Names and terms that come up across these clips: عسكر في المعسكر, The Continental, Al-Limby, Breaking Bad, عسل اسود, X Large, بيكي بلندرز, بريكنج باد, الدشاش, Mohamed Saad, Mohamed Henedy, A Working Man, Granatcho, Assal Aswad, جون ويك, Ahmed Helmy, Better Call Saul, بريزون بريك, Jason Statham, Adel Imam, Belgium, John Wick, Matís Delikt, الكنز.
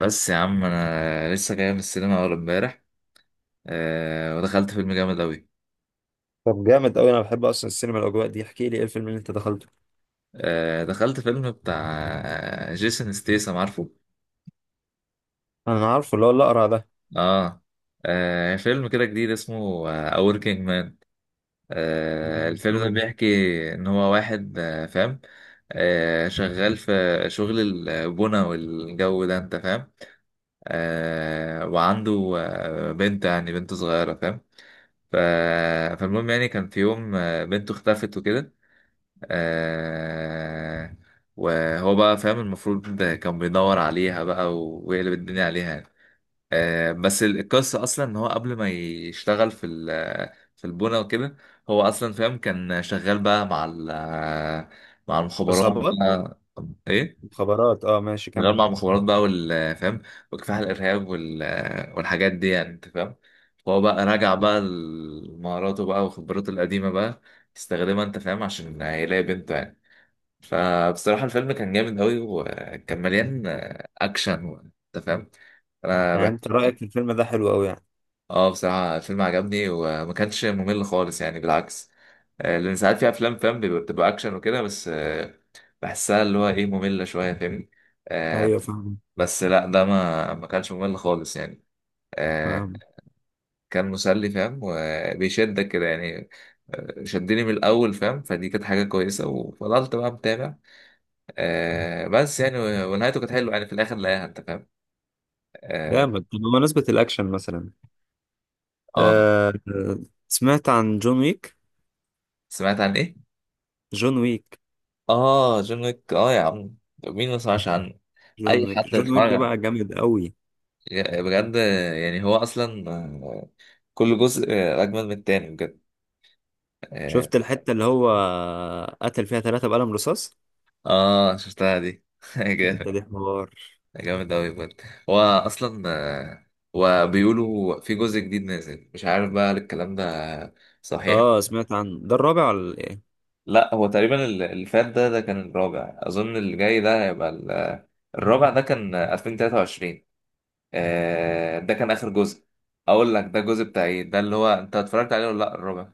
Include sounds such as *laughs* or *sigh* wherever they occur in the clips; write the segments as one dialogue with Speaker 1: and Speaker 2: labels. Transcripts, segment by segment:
Speaker 1: بس يا عم انا لسه جاي من السينما اول امبارح. ودخلت فيلم جامد اوي.
Speaker 2: طب جامد قوي، انا بحب اصلا السينما، الاجواء دي. احكي لي ايه الفيلم اللي انت دخلته.
Speaker 1: دخلت فيلم بتاع جيسون ستيسم، عارفه؟
Speaker 2: انا عارفه اللي هو الاقرع ده.
Speaker 1: اه. فيلم كده جديد اسمه A Working Man.
Speaker 2: جامد
Speaker 1: الفيلم ده
Speaker 2: قوي.
Speaker 1: بيحكي ان هو واحد فاهم، شغال في شغل البنا والجو ده، انت فاهم؟ وعنده بنت، يعني بنت صغيرة فاهم. ف- فالمهم يعني كان في يوم بنته اختفت وكده. آه وهو بقى فاهم المفروض ده كان بيدور عليها بقى ويقلب الدنيا عليها يعني. بس القصة أصلا إن هو قبل ما يشتغل في ال في البنا وكده، هو أصلا فاهم كان شغال بقى مع مع المخابرات
Speaker 2: اصحابات.
Speaker 1: بقى. إيه؟
Speaker 2: مخابرات، اه ماشي
Speaker 1: شغال
Speaker 2: كمل.
Speaker 1: مع المخابرات بقى وال فاهم، وكفاح الإرهاب والحاجات دي، يعني أنت فاهم؟ فهو بقى راجع بقى لمهاراته بقى وخبراته القديمة بقى يستخدمها، أنت فاهم، عشان يلاقي بنته يعني. فبصراحة الفيلم كان جامد أوي وكان مليان أكشن أنت فاهم؟ أنا
Speaker 2: يعني
Speaker 1: بح-
Speaker 2: انت رايك في الفيلم ده حلو قوي يعني؟
Speaker 1: آه بصراحة الفيلم عجبني وما كانش ممل خالص يعني، بالعكس. لأن ساعات في أفلام فاهم بتبقى أكشن وكده، بس بحسها اللي هو إيه، مملة شوية، فاهمني؟ آه،
Speaker 2: ايوه فاهم.
Speaker 1: بس لأ، ده ما كانش ممل خالص يعني. آه،
Speaker 2: فاهم.
Speaker 1: كان مسلي فاهم وبيشدك كده يعني. شدني من الأول فاهم، فدي كانت حاجة كويسة وفضلت بقى متابع. بس يعني ونهايته كانت حلوة يعني، في الآخر لاقيها، أنت فاهم؟ اه.
Speaker 2: جامد. طب بمناسبه الاكشن مثلا.
Speaker 1: آه.
Speaker 2: آه آه، سمعت عن جون ويك.
Speaker 1: سمعت عن ايه؟
Speaker 2: جون ويك.
Speaker 1: اه جون ويك، اه يا عم، مين ما سمعش عنه؟
Speaker 2: جون
Speaker 1: اي
Speaker 2: ويك.
Speaker 1: حد
Speaker 2: جون ويك
Speaker 1: اتفرج
Speaker 2: ده
Speaker 1: عنه.
Speaker 2: بقى جامد قوي.
Speaker 1: بجد يعني هو اصلا كل جزء اجمل من التاني بجد. اه.
Speaker 2: شفت الحته اللي هو قتل فيها ثلاثه بقلم رصاص؟
Speaker 1: شفتها دي *laughs*
Speaker 2: انت
Speaker 1: جامد.
Speaker 2: دي حوار.
Speaker 1: جامد اوي بجد. هو اصلا وبيقولوا في جزء جديد نازل، مش عارف بقى هل الكلام ده صحيح.
Speaker 2: اه سمعت عن ده الرابع ولا ايه؟
Speaker 1: لا، هو تقريبا اللي فات ده كان الرابع اظن، اللي جاي ده هيبقى الرابع. ده كان 2023، ده كان اخر جزء. اقول لك، ده الجزء بتاع ايه ده اللي هو انت اتفرجت عليه ولا لا الربع؟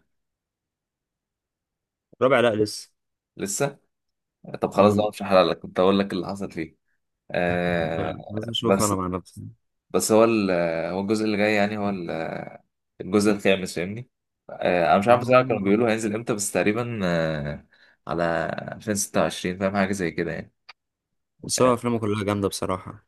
Speaker 2: الرابع لا لسه.
Speaker 1: لسه. طب خلاص
Speaker 2: مم.
Speaker 1: بقى، مش هحرق لك، كنت اقول لك اللي حصل فيه.
Speaker 2: لا بس اشوف
Speaker 1: بس.
Speaker 2: انا مع نفسي.
Speaker 1: بس هو هو الجزء اللي جاي يعني، هو الجزء الخامس فاهمني. انا مش عارف بصراحه، كانوا
Speaker 2: آه.
Speaker 1: بيقولوا هينزل امتى، بس تقريبا على 2026 فاهم، حاجه زي كده يعني.
Speaker 2: بس هو افلامه كلها جامده بصراحه.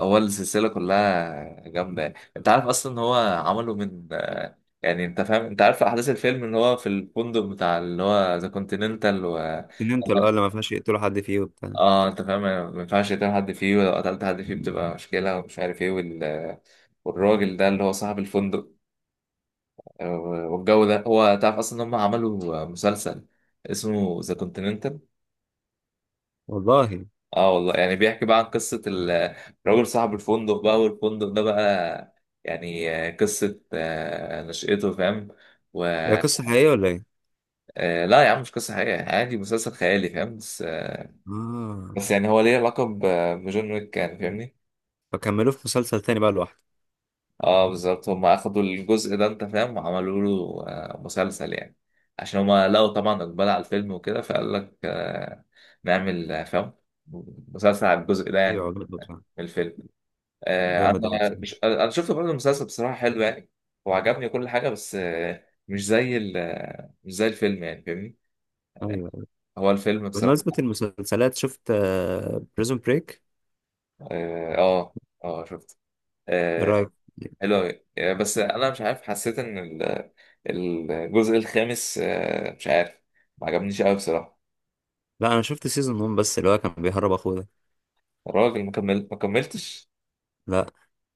Speaker 1: هو السلسلة كلها جامدة، انت عارف اصلا ان هو عمله من يعني انت فاهم، انت عارف احداث الفيلم ان هو في الفندق بتاع اللي هو ذا كونتيننتال و
Speaker 2: تنمت الأه اللي ما فيهاش يقتلوا حد فيه وبتاع.
Speaker 1: اه انت فاهم، ما ينفعش يقتل حد فيه، ولو قتلت حد فيه بتبقى مشكلة ومش عارف ايه وال... والراجل ده اللي هو صاحب الفندق آه، والجو ده، هو تعرف اصلا ان هم عملوا مسلسل اسمه ذا كونتيننتال؟
Speaker 2: والله.
Speaker 1: اه والله، يعني بيحكي بقى عن قصة الراجل صاحب الفندق بقى، والفندق ده بقى يعني قصة نشأته فاهم. و
Speaker 2: هي قصه حقيقيه ولا ايه؟
Speaker 1: لا يا عم، مش قصة حقيقية، عادي مسلسل خيالي فاهم، بس بس
Speaker 2: اه.
Speaker 1: يعني هو ليه علاقة بجون ويك يعني، فاهمني.
Speaker 2: فكملوه في مسلسل تاني بقى لوحده.
Speaker 1: اه بالظبط، هما أخدوا الجزء ده أنت فاهم، وعملوا له مسلسل يعني، عشان هما لقوا طبعا إقبال على الفيلم وكده، فقال لك نعمل فاهم، مسلسل على الجزء ده يعني،
Speaker 2: ايوه عجبني بصراحه.
Speaker 1: من الفيلم. آه،
Speaker 2: جامد قوي
Speaker 1: انا
Speaker 2: بصراحه.
Speaker 1: انا شفت برضه المسلسل بصراحه، حلو يعني وعجبني كل حاجه، بس مش زي مش زي الفيلم يعني، فاهمني.
Speaker 2: ايوه
Speaker 1: هو الفيلم
Speaker 2: بمناسبه
Speaker 1: بصراحه
Speaker 2: المسلسلات، شفت بريزون بريك؟
Speaker 1: اه. اه شفت.
Speaker 2: ايه
Speaker 1: آه،
Speaker 2: رايك؟
Speaker 1: حلو أوي. بس انا مش عارف، حسيت ان الجزء الخامس مش عارف، ما عجبنيش قوي بصراحه.
Speaker 2: لا انا شفت سيزون 1 بس، اللي هو كان بيهرب اخوه ده.
Speaker 1: الراجل ما كمل؟ ما كملتش.
Speaker 2: لا.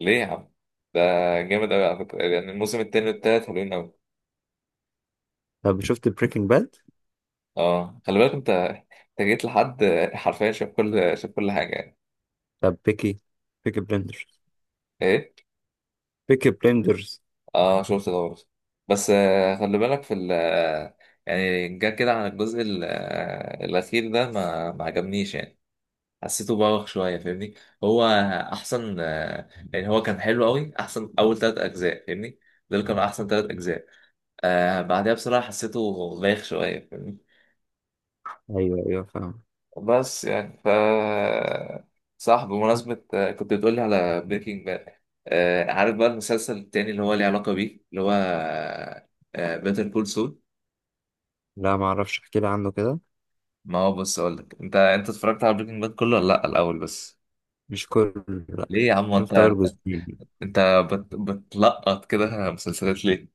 Speaker 1: ليه يا عم؟ ده جامد قوي على فكره، يعني الموسم التاني والتالت حلوين قوي.
Speaker 2: طب شفت بريكنج باد؟
Speaker 1: اه خلي بالك، انت جيت لحد، حرفيا شاف كل، شاف كل حاجه يعني.
Speaker 2: طب بيكي، بيكي بلندرز.
Speaker 1: ايه.
Speaker 2: بيكي بلندرز.
Speaker 1: اه شفت ده برضه، بس خلي بالك في ال آه، يعني جا كده، عن الجزء الأخير ده ما عجبنيش يعني، حسيته بوخ شوية فاهمني. هو أحسن يعني هو كان حلو أوي، أحسن أول تلات أجزاء فاهمني، دول كانوا أحسن تلات أجزاء. بعدها بصراحة حسيته بايخ شوية فاهمني.
Speaker 2: ايوه ايوه فاهم.
Speaker 1: بس يعني ف صح، بمناسبة كنت بتقولي على بريكنج باد. عارف بقى المسلسل التاني اللي هو ليه علاقة بيه، اللي هو بيتر كول سول.
Speaker 2: لا ما اعرفش، احكي لي عنه كده.
Speaker 1: ما هو بص، اقول لك، انت اتفرجت على بريكنج باد كله ولا لا الاول بس؟
Speaker 2: مش كله، لا.
Speaker 1: ليه يا عم؟ انت
Speaker 2: شفت
Speaker 1: انت
Speaker 2: اول جزئين.
Speaker 1: أنت بتلقط كده مسلسلات ليه؟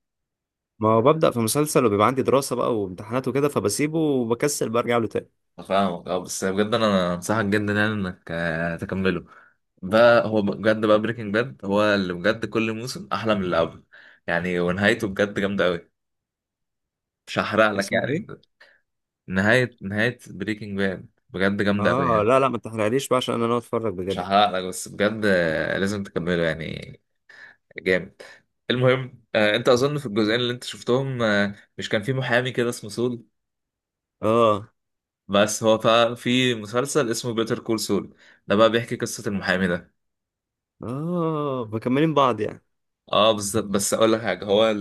Speaker 2: ما هو ببدأ في مسلسل وبيبقى عندي دراسة بقى وامتحانات وكده فبسيبه وبكسل برجع له تاني.
Speaker 1: فاهمك. اه بس بجد انا انصحك جدا يعني انك تكمله بقى. هو بجد بقى، بريكنج باد هو اللي بجد كل موسم احلى من اللي قبله يعني، ونهايته بجد جامده قوي، مش هحرق لك
Speaker 2: اسمه ايه؟
Speaker 1: يعني. نهايه، نهايه بريكنج باد بجد جامده قوي
Speaker 2: اه
Speaker 1: يعني،
Speaker 2: لا لا ما تحرقليش بقى عشان انا ناوي اتفرج
Speaker 1: مش
Speaker 2: بجد.
Speaker 1: هحرق لك، بس بجد لازم تكمله يعني، جامد. المهم انت اظن في الجزئين اللي انت شفتهم مش كان في محامي كده اسمه سول؟
Speaker 2: اه
Speaker 1: بس في مسلسل اسمه بيتر كول سول، ده بقى بيحكي قصة المحامي ده.
Speaker 2: اه مكملين بعض يعني.
Speaker 1: اه بالظبط، بس اقول لك حاجة، هو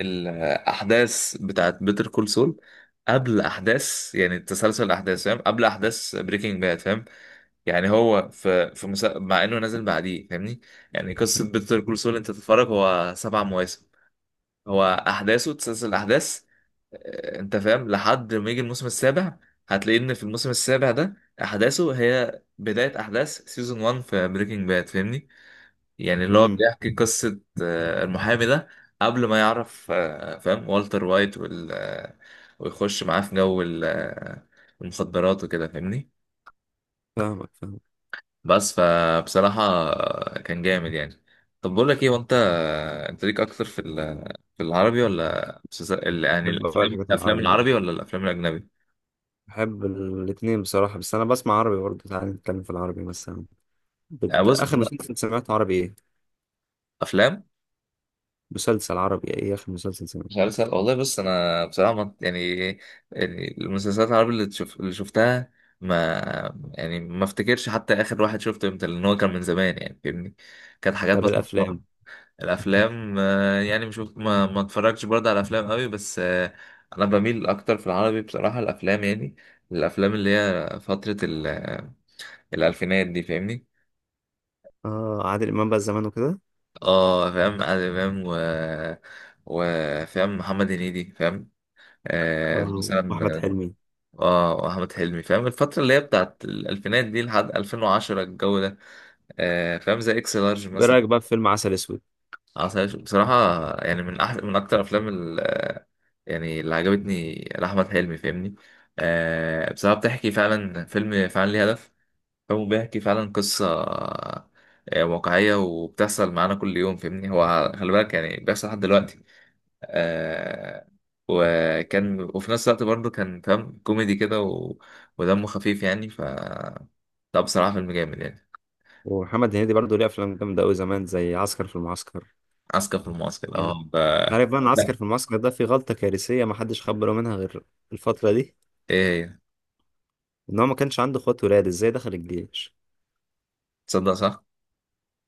Speaker 1: الاحداث بتاعت بيتر كول سول قبل احداث، يعني تسلسل الاحداث فاهم، قبل احداث بريكنج باد فاهم. يعني هو في مسا... مع انه نازل بعديه فاهمني. يعني قصة بيتر كول سول، انت تتفرج هو سبع مواسم، هو احداثه تسلسل الاحداث، انت فاهم لحد ما يجي الموسم السابع، هتلاقي ان في الموسم السابع ده احداثه هي بداية احداث سيزون 1 في بريكنج باد فاهمني. يعني اللي هو
Speaker 2: امم.
Speaker 1: بيحكي قصة المحامي ده قبل ما يعرف فاهم والتر وايت وال آه، ويخش معاه في جو المخدرات وكده فاهمني.
Speaker 2: فاهمك فاهمك.
Speaker 1: بس، فبصراحة كان جامد يعني. طب بقول لك ايه، وانت، انت ليك اكتر في في العربي ولا يعني
Speaker 2: بحب بقى
Speaker 1: الافلام،
Speaker 2: الحاجات
Speaker 1: الافلام
Speaker 2: العربي بقى.
Speaker 1: العربي ولا الافلام الاجنبي؟
Speaker 2: بحب الاتنين بصراحة، بس انا بسمع عربي برضه. تعالى نتكلم في العربي مثلا.
Speaker 1: يعني بص
Speaker 2: اخر
Speaker 1: أنا،
Speaker 2: مسلسل سمعته عربي ايه؟
Speaker 1: افلام،
Speaker 2: مسلسل عربي ايه اخر مسلسل سمعته؟
Speaker 1: مسلسل، والله بص، انا بصراحة يعني، يعني المسلسلات العربي اللي تشوف اللي شفتها، ما، يعني ما افتكرش حتى اخر واحد شفته امتى، لان هو كان من زمان يعني فاهمني، كانت حاجات
Speaker 2: طب
Speaker 1: مثلا.
Speaker 2: الافلام.
Speaker 1: الافلام يعني مش ما اتفرجش برضه على افلام قوي، بس انا بميل اكتر في العربي بصراحه، الافلام يعني، الافلام اللي هي فتره الالفينات دي فاهمني.
Speaker 2: اه عادل امام بقى زمان وكده.
Speaker 1: اه فاهم عادل امام، وفاهم محمد هنيدي فاهم،
Speaker 2: اه واحمد
Speaker 1: مثلا.
Speaker 2: حلمي.
Speaker 1: اه احمد حلمي فاهم، الفتره اللي هي بتاعت الالفينات دي لحد 2010، الجو ده فاهم زي اكس لارج
Speaker 2: ايه
Speaker 1: مثلا.
Speaker 2: رايك بقى في فيلم عسل اسود؟
Speaker 1: عسل أسود بصراحة، يعني من أحسن، من أكتر أفلام ال، يعني اللي عجبتني لأحمد حلمي فاهمني. بصراحة بتحكي فعلا، فيلم فعلا ليه هدف، فيلم بيحكي فعلا قصة واقعية وبتحصل معانا كل يوم فاهمني، هو خلي بالك يعني بيحصل لحد دلوقتي. آه وكان، وفي نفس الوقت برضه كان فاهم كوميدي كده و... ودمه خفيف يعني ف، لا بصراحة فيلم جامد يعني.
Speaker 2: ومحمد هنيدي برضه ليه افلام جامده قوي زمان، زي عسكر في المعسكر.
Speaker 1: عسكر في المعسكر
Speaker 2: يعني أنت
Speaker 1: اه ف...
Speaker 2: عارف بقى ان عسكر
Speaker 1: لا.
Speaker 2: في المعسكر ده في غلطه كارثيه ما حدش خد باله منها غير الفتره دي؟
Speaker 1: ايه هي؟
Speaker 2: ان هو ما كانش عنده اخوات ولاد، ازاي دخل الجيش؟
Speaker 1: تصدق صح؟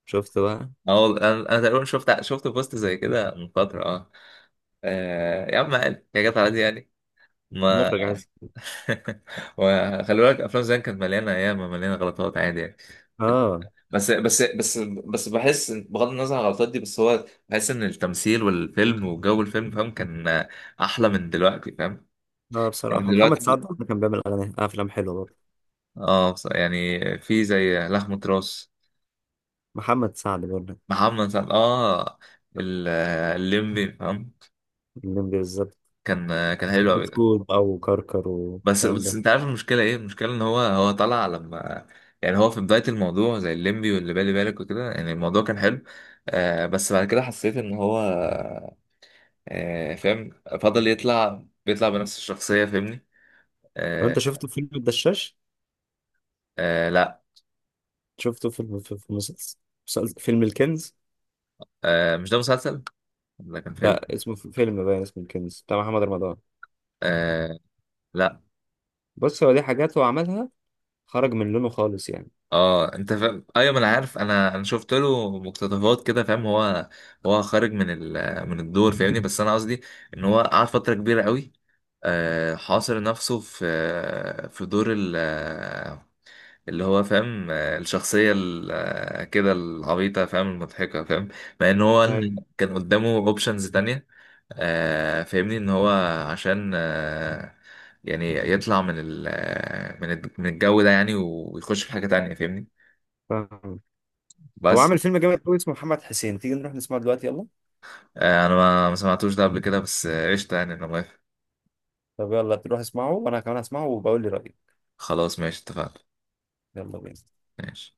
Speaker 2: شفت بقى؟
Speaker 1: اه والله انا، أنا تقريبا شفت، شفت بوست زي كده من فتره اه. يا عم عادي، يا جت عادي يعني، ما
Speaker 2: المخرج عايز.
Speaker 1: *laughs* وخلي بالك افلام زمان كانت مليانه ايام، مليانه غلطات عادي يعني.
Speaker 2: اه
Speaker 1: بس بس بس بس بحس بغض النظر عن الغلطات دي، بس هو بحس ان التمثيل والفيلم وجو الفيلم فاهم كان احلى من دلوقتي فاهم،
Speaker 2: اه
Speaker 1: يعني
Speaker 2: بصراحه محمد سعد
Speaker 1: دلوقتي
Speaker 2: برضه كان بيعمل اغاني، افلام حلوه برضه.
Speaker 1: اه يعني في زي لحمة راس.
Speaker 2: محمد سعد برضه.
Speaker 1: محمد سعد اه الليمبي فاهم،
Speaker 2: الليمبي بالظبط.
Speaker 1: كان كان حلو قوي.
Speaker 2: بتكوت بقى وكركر
Speaker 1: بس
Speaker 2: والكلام
Speaker 1: بس
Speaker 2: ده.
Speaker 1: انت عارف المشكله ايه؟ المشكله ان هو، طلع لما، يعني هو في بدايه الموضوع زي الليمبي واللي بالي بالك وكده يعني، الموضوع كان حلو. بس بعد كده حسيت ان هو فاهم، فضل يطلع، بيطلع بنفس الشخصيه فاهمني.
Speaker 2: طب انت
Speaker 1: آه.
Speaker 2: شفته في فيلم الدشاش؟
Speaker 1: آه لا.
Speaker 2: شفته في فيلم الكنز.
Speaker 1: آه مش ده مسلسل، ده كان فيلم.
Speaker 2: لا اسمه في فيلم باين اسمه الكنز بتاع محمد رمضان.
Speaker 1: آه. لا.
Speaker 2: بص هو دي حاجات هو عملها. خرج من لونه خالص يعني.
Speaker 1: اه انت فاهم، ايوه ما انا عارف، انا شفت له مقتطفات كده فاهم، هو، هو خارج من ال... من الدور فاهمني، بس انا قصدي ان هو قعد فتره كبيره قوي حاصر نفسه في في دور اللي هو فاهم الشخصية كده العبيطة فاهم، المضحكة فاهم، مع ان هو
Speaker 2: ايوه
Speaker 1: كان قدامه اوبشنز تانية فاهمني ان هو، عشان يعني يطلع من ال آه، من من الجو ده يعني، ويخش في حاجة تانية فاهمني.
Speaker 2: فاهم. هو
Speaker 1: بس
Speaker 2: عامل فيلم جامد قوي اسمه محمد حسين، تيجي نروح نسمعه دلوقتي يلا.
Speaker 1: انا ما سمعتوش ده قبل كده، بس قشطة يعني، انا موافق.
Speaker 2: طب يلا تروح اسمعه وانا كمان هسمعه وبقول لي رأيي.
Speaker 1: خلاص ماشي، اتفقنا.
Speaker 2: يلا بينا.
Speaker 1: ماشي.